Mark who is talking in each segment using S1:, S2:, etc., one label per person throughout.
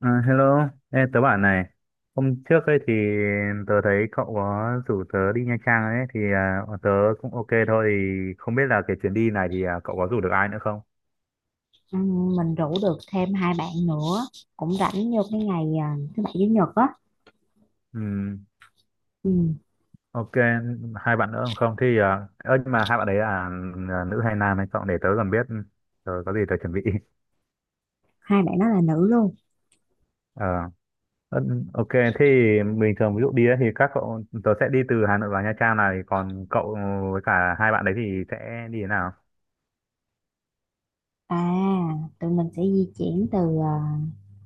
S1: Hello, ê, tớ bảo này, hôm trước ấy thì tớ thấy cậu có rủ tớ đi Nha Trang ấy, thì tớ cũng ok thôi, thì không biết là cái chuyến đi này thì cậu có rủ được ai nữa không?
S2: Ừ, mình rủ được thêm hai bạn nữa cũng rảnh vô cái ngày thứ bảy chủ nhật á.
S1: Ừm,
S2: Ừ,
S1: ok, hai bạn nữa không? Thì, nhưng mà hai bạn đấy là nữ hay nam hay cậu để tớ còn biết, tớ có gì tớ chuẩn bị.
S2: hai bạn đó là nữ luôn.
S1: Ờ, ơ, ok, thì bình thường ví dụ đi ấy, thì các cậu, tớ sẽ đi từ Hà Nội vào Nha Trang này, còn cậu với cả hai bạn đấy thì sẽ đi thế nào?
S2: à Tụi mình sẽ di chuyển từ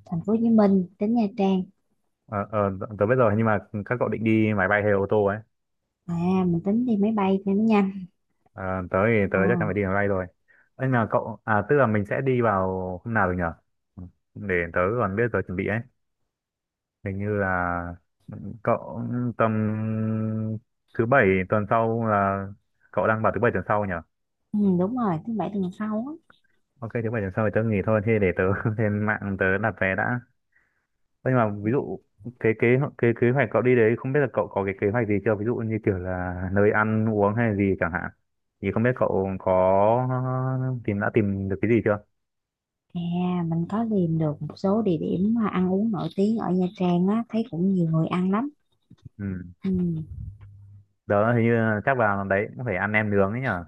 S2: thành phố Hồ Chí Minh đến Nha Trang.
S1: Ờ, ờ, tớ biết rồi nhưng mà các cậu định đi máy bay hay ô tô ấy.
S2: Mình tính đi máy bay cho nó nhanh.
S1: Ờ, tớ thì tớ
S2: Ờ.
S1: chắc chắn phải đi máy bay rồi. Ấy là cậu tức là mình sẽ đi vào hôm nào được nhở. Ừ, để tớ còn biết giờ chuẩn bị ấy, hình như là ừ, cậu tầm thứ bảy tuần sau là cậu đang bảo thứ bảy tuần sau nhở.
S2: Ừ, đúng rồi thứ bảy tuần sau á.
S1: Ok thứ bảy tuần sau thì tớ nghỉ thôi, thế để tớ lên mạng tớ đặt vé đã. Nhưng mà ví dụ cái kế kế kế hoạch cậu đi đấy, không biết là cậu có cái kế hoạch gì chưa, ví dụ như kiểu là nơi ăn uống hay gì chẳng hạn, thì không biết cậu có tìm được cái gì chưa.
S2: Mình có tìm được một số địa điểm mà ăn uống nổi tiếng ở Nha Trang á, thấy cũng nhiều người ăn lắm.
S1: Ừ.
S2: Ừ,
S1: Đó hình như là chắc vào đấy cũng phải ăn nem nướng ấy nhở.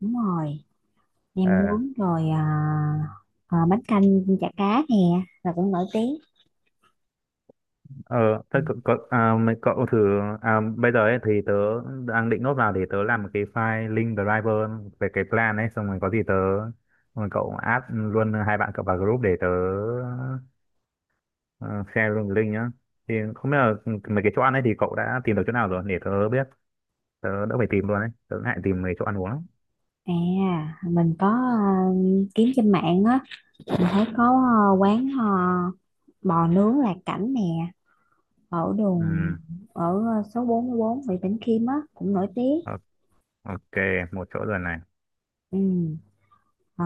S2: đúng rồi, nem
S1: Ờ,
S2: nướng rồi à, Bánh canh, chả cá nè là cũng nổi tiếng.
S1: ờ
S2: Ừ.
S1: thôi cậu, mấy cậu thử, bây giờ ấy thì tớ đang định nốt vào để tớ làm một cái file link driver về cái plan ấy, xong rồi có gì tớ, xong rồi cậu add luôn hai bạn cậu vào group để tớ. Ờ, share luôn link nhá. Thì không biết là ừ, mấy cái chỗ ăn ấy thì cậu đã tìm được chỗ nào rồi để tớ biết, tớ đỡ phải tìm luôn đấy, tớ ngại tìm mấy chỗ ăn uống lắm.
S2: À, mình có kiếm trên mạng á, mình thấy có quán bò nướng Lạc Cảnh nè, ở đường,
S1: Ừ,
S2: ở số 44 Nguyễn Bỉnh Khiêm á, cũng nổi tiếng.
S1: o- ok một chỗ rồi này.
S2: Ừ. ờ,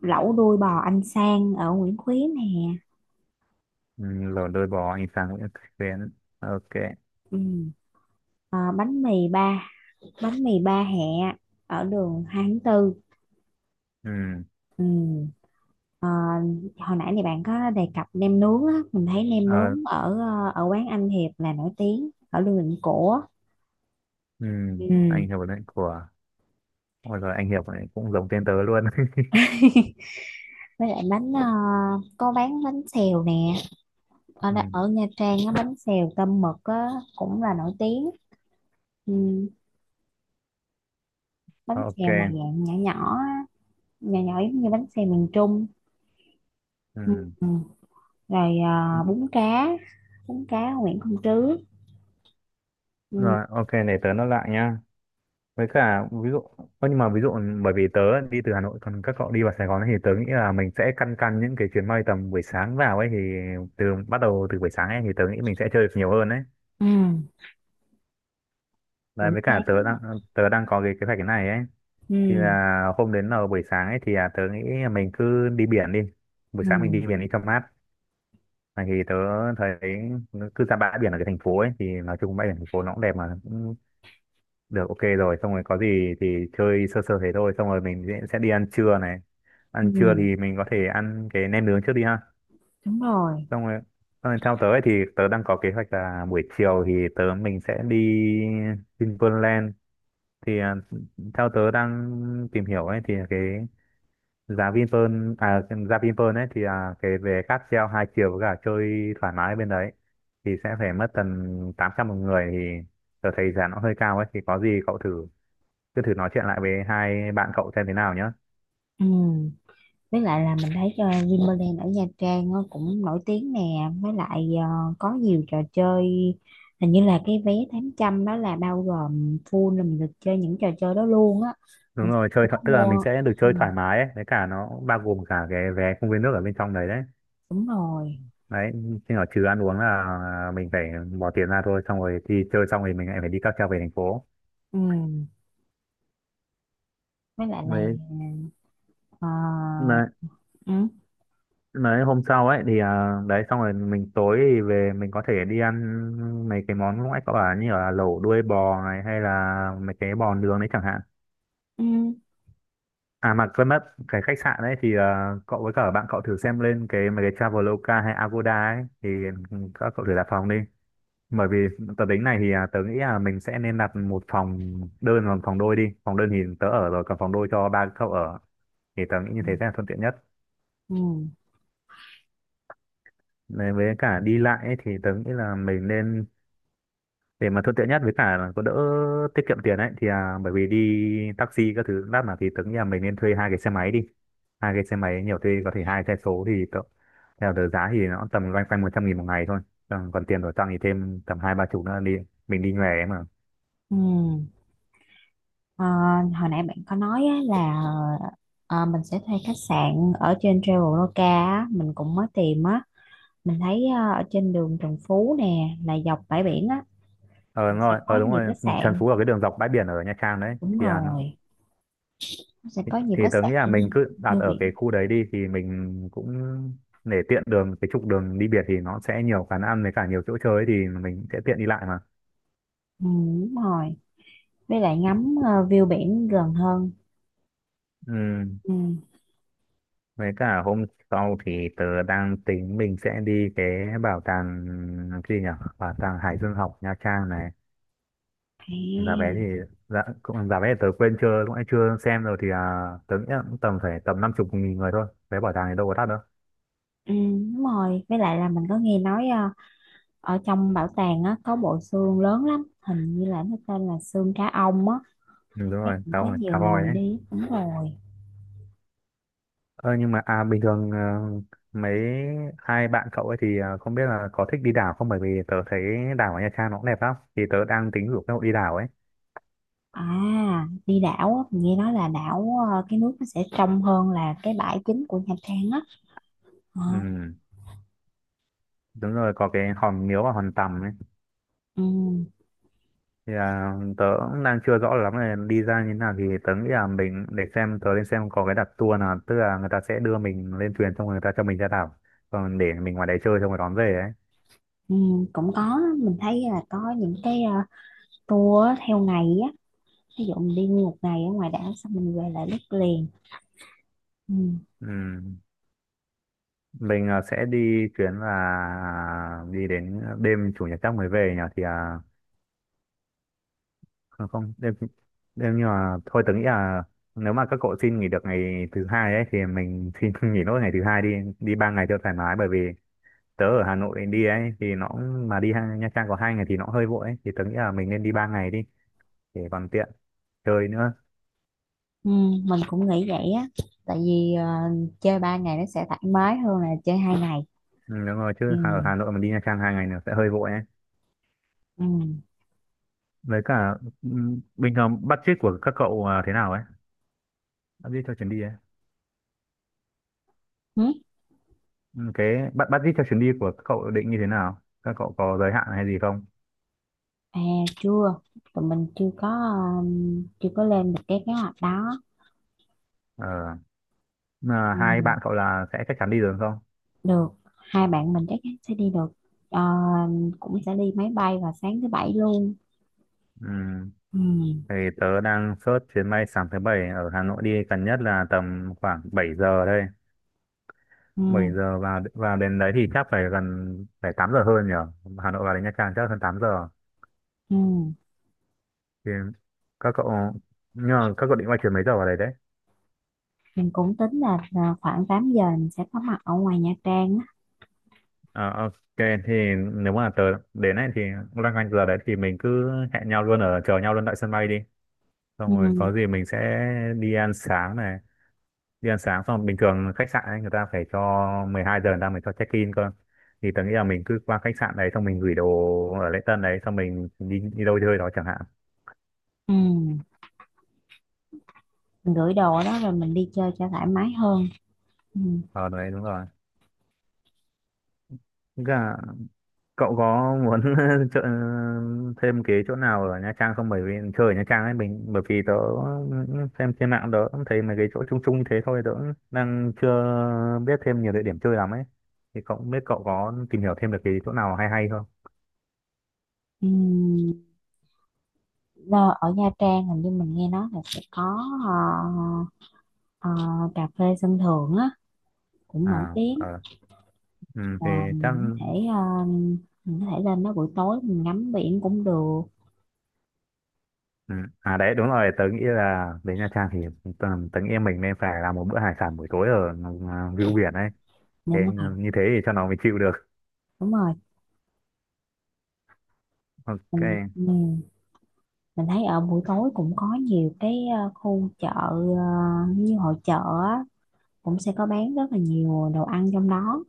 S2: Lẩu đuôi bò anh Sang ở Nguyễn Khuyến nè.
S1: Ừ, lẩu đôi bò anh Sang Nguyễn Xuyến, ok.
S2: Ừ. ờ, bánh mì ba, Bánh mì ba hẹ ở đường 2/4.
S1: Ừ,
S2: Ừ. ờ, Hồi nãy thì bạn có đề cập nem nướng á, mình thấy nem nướng
S1: ờ,
S2: ở quán Anh Hiệp là nổi tiếng ở đường Định Cổ.
S1: ừ,
S2: Ừ.
S1: anh Hiệp đấy của, ôi rồi anh Hiệp này cũng giống tên tớ luôn.
S2: Với lại có bán bánh xèo nè
S1: Ừ,
S2: ở Nha Trang á, bánh xèo tôm mực á, cũng là nổi tiếng. Ừ. Bánh
S1: ok.
S2: xèo mà dạng nhỏ nhỏ á, nhỏ nhỏ giống như bánh xèo miền Trung. Ừ.
S1: Ừ.
S2: Rồi bún cá Nguyễn Công Trứ. Ừ.
S1: Rồi ok, để tớ nó lại nhá. Với cả ví dụ, ơ, nhưng mà ví dụ ừ, bởi vì tớ đi từ Hà Nội còn các cậu đi vào Sài Gòn ấy, thì tớ nghĩ là mình sẽ căn căn những cái chuyến bay tầm buổi sáng vào ấy, thì từ bắt đầu từ buổi sáng ấy thì tớ nghĩ mình sẽ chơi được nhiều hơn ấy.
S2: Ừ.
S1: Đấy,
S2: Buổi
S1: với cả
S2: sáng.
S1: tớ đang có cái kế hoạch cái này ấy, thì
S2: Ừ.
S1: là hôm đến là buổi sáng ấy thì là tớ nghĩ là mình cứ đi biển đi, buổi
S2: Ừ.
S1: sáng mình đi biển đi cho mát. Này thì tớ thấy cứ ra bãi biển ở cái thành phố ấy thì nói chung bãi biển thành phố nó cũng đẹp mà. Được, ok rồi, xong rồi có gì thì chơi sơ sơ thế thôi, xong rồi mình sẽ đi ăn trưa này.
S2: Ừ.
S1: Ăn trưa thì mình có thể ăn cái nem nướng trước đi ha.
S2: Đúng rồi.
S1: Xong rồi, xong rồi theo tớ ấy thì tớ đang có kế hoạch là buổi chiều thì mình sẽ đi Vinpearl Land. Thì à, theo tớ đang tìm hiểu ấy thì cái giá Vinpearl à cái giá Vinpearl ấy thì cái về cáp treo hai chiều với cả chơi thoải mái bên đấy thì sẽ phải mất tầm 800 một người, thì tớ thấy giá nó hơi cao ấy, thì có gì cậu thử, cứ thử nói chuyện lại với hai bạn cậu xem thế nào nhá.
S2: Ừ. Với lại là mình thấy Vinpearl ở Nha Trang nó cũng nổi tiếng nè. Với lại có nhiều trò chơi, hình như là cái vé 800 đó là bao gồm full là mình được chơi những trò chơi đó luôn á.
S1: Đúng
S2: Mình
S1: rồi, chơi
S2: cũng có
S1: tức là mình
S2: mua.
S1: sẽ được
S2: Ừ,
S1: chơi thoải mái ấy, với cả nó cũng bao gồm cả cái vé công viên nước ở bên trong đấy đấy
S2: đúng rồi.
S1: đấy. Nhưng ở trừ ăn uống là mình phải bỏ tiền ra thôi, xong rồi đi chơi xong rồi mình lại phải đi cáp treo về thành phố.
S2: Ừ. Với lại là
S1: Đấy
S2: ờ,
S1: mà
S2: ừ,
S1: mà hôm sau ấy thì đấy xong rồi mình tối thì về mình có thể đi ăn mấy cái món lúc nãy cậu bảo như là lẩu đuôi bò này hay là mấy cái bò nướng đấy chẳng hạn.
S2: ừ,
S1: À mà quên mất, cái khách sạn ấy thì cậu với cả bạn cậu thử xem lên cái mấy cái Traveloka hay Agoda ấy, thì các cậu thử đặt phòng đi. Bởi vì tớ tính này thì tớ nghĩ là mình sẽ nên đặt một phòng đơn và một phòng đôi đi. Phòng đơn thì tớ ở rồi, còn phòng đôi cho ba cậu ở, thì tớ nghĩ như thế sẽ là thuận tiện nhất.
S2: ừ,
S1: Nên với cả đi lại ấy, thì tớ nghĩ là mình nên, để mà thuận tiện nhất với cả là có đỡ tiết kiệm tiền ấy, thì bởi vì đi taxi các thứ lát mà, thì tưởng là mình nên thuê hai cái xe máy đi, hai cái xe máy nhiều thuê có thể hai xe số, thì theo tờ giá thì nó tầm loanh quanh 100.000 một ngày thôi, còn tiền của Trang thì thêm tầm hai ba chục nữa đi, mình đi nhòe ấy mà.
S2: ừ. Ờ, hồi nãy bạn có nói á, là mình sẽ thuê khách sạn ở trên Traveloka á, mình cũng mới tìm á, mình thấy ở trên đường Trần Phú nè là dọc bãi biển á,
S1: Ờ
S2: là
S1: đúng
S2: sẽ
S1: rồi,
S2: có
S1: ờ đúng
S2: nhiều
S1: rồi,
S2: khách
S1: Trần
S2: sạn.
S1: Phú ở cái đường dọc bãi biển ở Nha Trang đấy
S2: Đúng
S1: thì nó,
S2: rồi, nó sẽ có nhiều
S1: thì
S2: khách
S1: tớ nghĩ là
S2: sạn
S1: mình cứ đặt
S2: view
S1: ở
S2: biển.
S1: cái khu đấy đi thì mình cũng, để tiện đường cái trục đường đi biển thì nó sẽ nhiều quán ăn với cả nhiều chỗ chơi ấy, thì mình sẽ tiện đi lại mà.
S2: Ừ, đúng rồi, với lại ngắm view biển gần hơn.
S1: Ừ,
S2: Ừ.
S1: với cả hôm sau thì tớ đang tính mình sẽ đi cái bảo tàng, cái gì nhỉ? Bảo tàng Hải Dương học Nha Trang này. Giá vé
S2: à,
S1: thì giá vé thì tớ quên chưa cũng chưa xem rồi, thì tớ nghĩ là cũng tầm phải tầm 50.000 người thôi. Vé bảo tàng thì đâu có đắt đâu.
S2: ừ, đúng rồi, với lại là mình có nghe nói ở trong bảo tàng á có bộ xương lớn lắm, hình như là nó tên là xương cá ông á.
S1: Ừ, đúng
S2: Thấy
S1: rồi,
S2: cũng có nhiều
S1: khá voi
S2: người
S1: ấy.
S2: đi, đúng rồi.
S1: Ơ nhưng mà bình thường mấy hai bạn cậu ấy thì không biết là có thích đi đảo không, bởi vì tớ thấy đảo ở Nha Trang nó cũng đẹp lắm. Thì tớ đang tính rủ các cậu đi đảo ấy.
S2: Đi đảo á, mình nghe nói là đảo cái nước nó sẽ trong hơn là cái bãi chính của Nha Trang á. Ờ,
S1: Ừ đúng rồi, có cái hòn Miếu và hòn Tầm ấy.
S2: ừ,
S1: Thì tớ cũng đang chưa rõ lắm là đi ra như thế nào, thì tớ nghĩ là mình để xem, tớ lên xem có cái đặt tour nào, tức là người ta sẽ đưa mình lên thuyền xong rồi người ta cho mình ra đảo, còn để mình ngoài đấy chơi xong rồi đón về ấy.
S2: ừ, cũng có đó. Mình thấy là có những cái tour á, theo ngày á, ví dụ mình đi nguyên một ngày ở ngoài đảo xong mình về lại đất liền. Ừ,
S1: Ừm, mình sẽ đi chuyến là đi đến đêm chủ nhật chắc mới về nhỉ, thì à, không, không đêm đêm, nhưng mà thôi tớ nghĩ là nếu mà các cậu xin nghỉ được ngày thứ hai ấy thì mình xin nghỉ nốt ngày thứ hai đi, đi 3 ngày cho thoải mái, bởi vì tớ ở Hà Nội đi ấy thì nó cũng- mà đi Nha Trang có 2 ngày thì nó hơi vội ấy, thì tớ nghĩ là mình nên đi 3 ngày đi, để còn tiện chơi nữa.
S2: ừ, mình cũng nghĩ vậy á. Tại vì chơi 3 ngày nó sẽ thoải mái hơn là chơi 2 ngày.
S1: Ừ, đúng rồi
S2: Ừ,
S1: chứ ở Hà Nội mà đi Nha Trang 2 ngày nữa sẽ hơi vội ấy.
S2: ừ.
S1: Với cả bình thường budget của các cậu, thế nào ấy, budget cho chuyến đi ấy.
S2: Ừ.
S1: Cái budget cho chuyến đi của các cậu định như thế nào, các cậu có giới hạn hay gì không?
S2: À, chưa, tụi mình chưa có, chưa có lên được cái kế hoạch đó.
S1: Ờ, mà hai
S2: Ừ,
S1: bạn cậu là sẽ chắc chắn đi được không?
S2: được, hai bạn mình chắc chắn sẽ đi được. Ờ, cũng sẽ đi máy bay vào sáng thứ bảy luôn.
S1: Ừm,
S2: Ừ,
S1: thì tớ đang search chuyến bay sáng thứ bảy ở Hà Nội đi gần nhất là tầm khoảng 7 giờ đây,
S2: ừ,
S1: 7 giờ vào vào đến đấy thì chắc phải gần, phải 8 giờ hơn nhỉ. Hà Nội vào đến Nha Trang chắc hơn 8 giờ.
S2: ừ.
S1: Thì các cậu, nhưng mà các cậu định quay chuyến mấy giờ vào đấy đấy?
S2: Mình cũng tính là khoảng 8 giờ mình sẽ có mặt ở ngoài Nha Trang á.
S1: Ờ, ok, thì nếu mà tớ đến ấy thì loanh quanh giờ đấy thì mình cứ hẹn nhau luôn, ở chờ nhau luôn tại sân bay đi, xong rồi
S2: Ừ.
S1: có gì mình sẽ đi ăn sáng này. Đi ăn sáng xong, bình thường khách sạn ấy, người ta phải cho 12 giờ người ta mới cho check in cơ, thì tớ nghĩ là mình cứ qua khách sạn đấy xong mình gửi đồ ở lễ tân đấy xong mình đi đi đâu chơi đó chẳng hạn.
S2: Ừ. Mình gửi đồ đó rồi mình đi chơi cho thoải mái hơn. Ừ.
S1: Ờ đấy đúng rồi. Cả cậu có muốn chợ, thêm cái chỗ nào ở Nha Trang không? Bởi vì chơi ở Nha Trang ấy mình, bởi vì tớ xem trên mạng tớ cũng thấy mấy cái chỗ chung chung như thế thôi, tớ cũng đang chưa biết thêm nhiều địa điểm chơi lắm ấy. Thì cậu không biết cậu có tìm hiểu thêm được cái chỗ nào hay hay không?
S2: Ừ. Là ở Nha Trang hình như mình nghe nói là sẽ có ờ, ờ, cà phê sân thượng á, cũng nổi
S1: À
S2: tiếng.
S1: ờ, ừ, thì
S2: Và
S1: chắc,
S2: mình có thể lên đó buổi tối mình ngắm biển cũng được.
S1: ừ. À đấy đúng rồi, tớ nghĩ là đến Nha Trang thì tớ nghĩ mình nên phải làm một bữa hải sản buổi tối ở view biển ấy. Thế
S2: Đúng rồi,
S1: như thế thì cho nó mới chịu được.
S2: đúng rồi.
S1: Ok.
S2: Mình ừ. Mình thấy ở buổi tối cũng có nhiều cái khu chợ, như hội chợ á, cũng sẽ có bán rất là nhiều đồ ăn trong đó.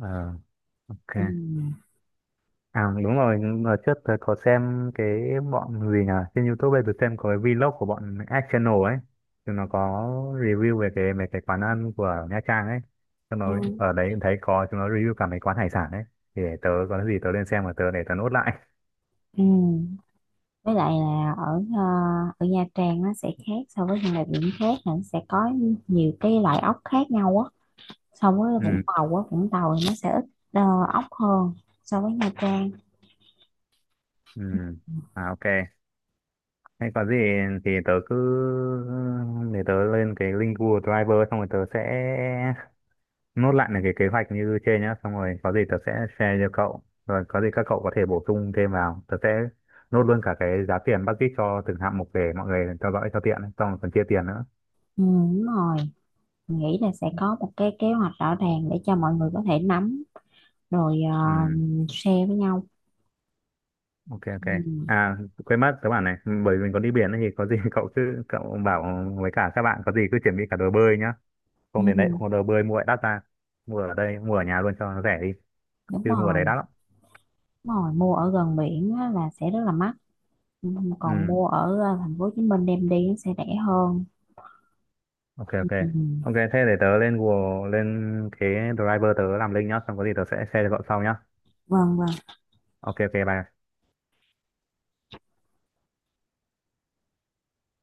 S1: Ờ. Ok.
S2: Ừ.
S1: À đúng rồi, hồi trước tớ có xem cái bọn gì nhỉ? Trên YouTube ấy, tớ xem có cái vlog của bọn Ad Channel ấy. Thì nó có review về cái quán ăn của Nha Trang ấy. Xong rồi
S2: Ừ.
S1: ở đấy cũng thấy có chúng nó review cả mấy quán hải sản ấy. Thì để tớ có gì tớ lên xem và tớ để tớ nốt lại.
S2: Ừ. Với lại là ở Nha Trang nó sẽ khác so với những địa điểm khác, là nó sẽ có nhiều cái loại ốc khác nhau á, so với
S1: Ừ,
S2: Vũng Tàu á. Vũng Tàu thì nó sẽ ít ờ, ốc hơn so với Nha Trang.
S1: ừ. À ok. Hay có gì thì tớ cứ để tớ lên cái link Google Driver, xong rồi tớ sẽ nốt lại những cái kế hoạch như trên nhá, xong rồi có gì tớ sẽ share cho cậu, rồi có gì các cậu có thể bổ sung thêm vào, tớ sẽ nốt luôn cả cái giá tiền bác Dít cho từng hạng mục để mọi người theo dõi cho tiện ấy, xong rồi còn chia tiền nữa.
S2: Ừ, đúng rồi, mình nghĩ là sẽ có một cái kế hoạch rõ ràng để cho mọi người có thể nắm rồi
S1: Ừ,
S2: share với nhau.
S1: ok, ok.
S2: Ừ.
S1: À quên mất, tớ bảo này, bởi vì mình có đi biển ấy thì có gì cậu cứ cậu bảo với cả các bạn có gì cứ chuẩn bị cả đồ bơi nhá,
S2: Ừ.
S1: không đến đấy không có đồ bơi mua lại đắt ra, mua ở đây mua ở nhà luôn cho nó rẻ đi,
S2: Đúng
S1: chứ mua ở đấy
S2: rồi,
S1: đắt lắm.
S2: đúng rồi, mua ở gần biển á, là sẽ rất là mắc. Ừ, còn
S1: Ừ,
S2: mua ở thành phố Hồ Chí Minh đem đi nó sẽ rẻ hơn.
S1: ok, ok.
S2: Ừ.
S1: Ok thế để tớ lên Google lên cái driver tớ làm link nhá, xong có gì tớ sẽ share cho cậu sau nhá.
S2: Vâng, vâng.
S1: Ok ok bye.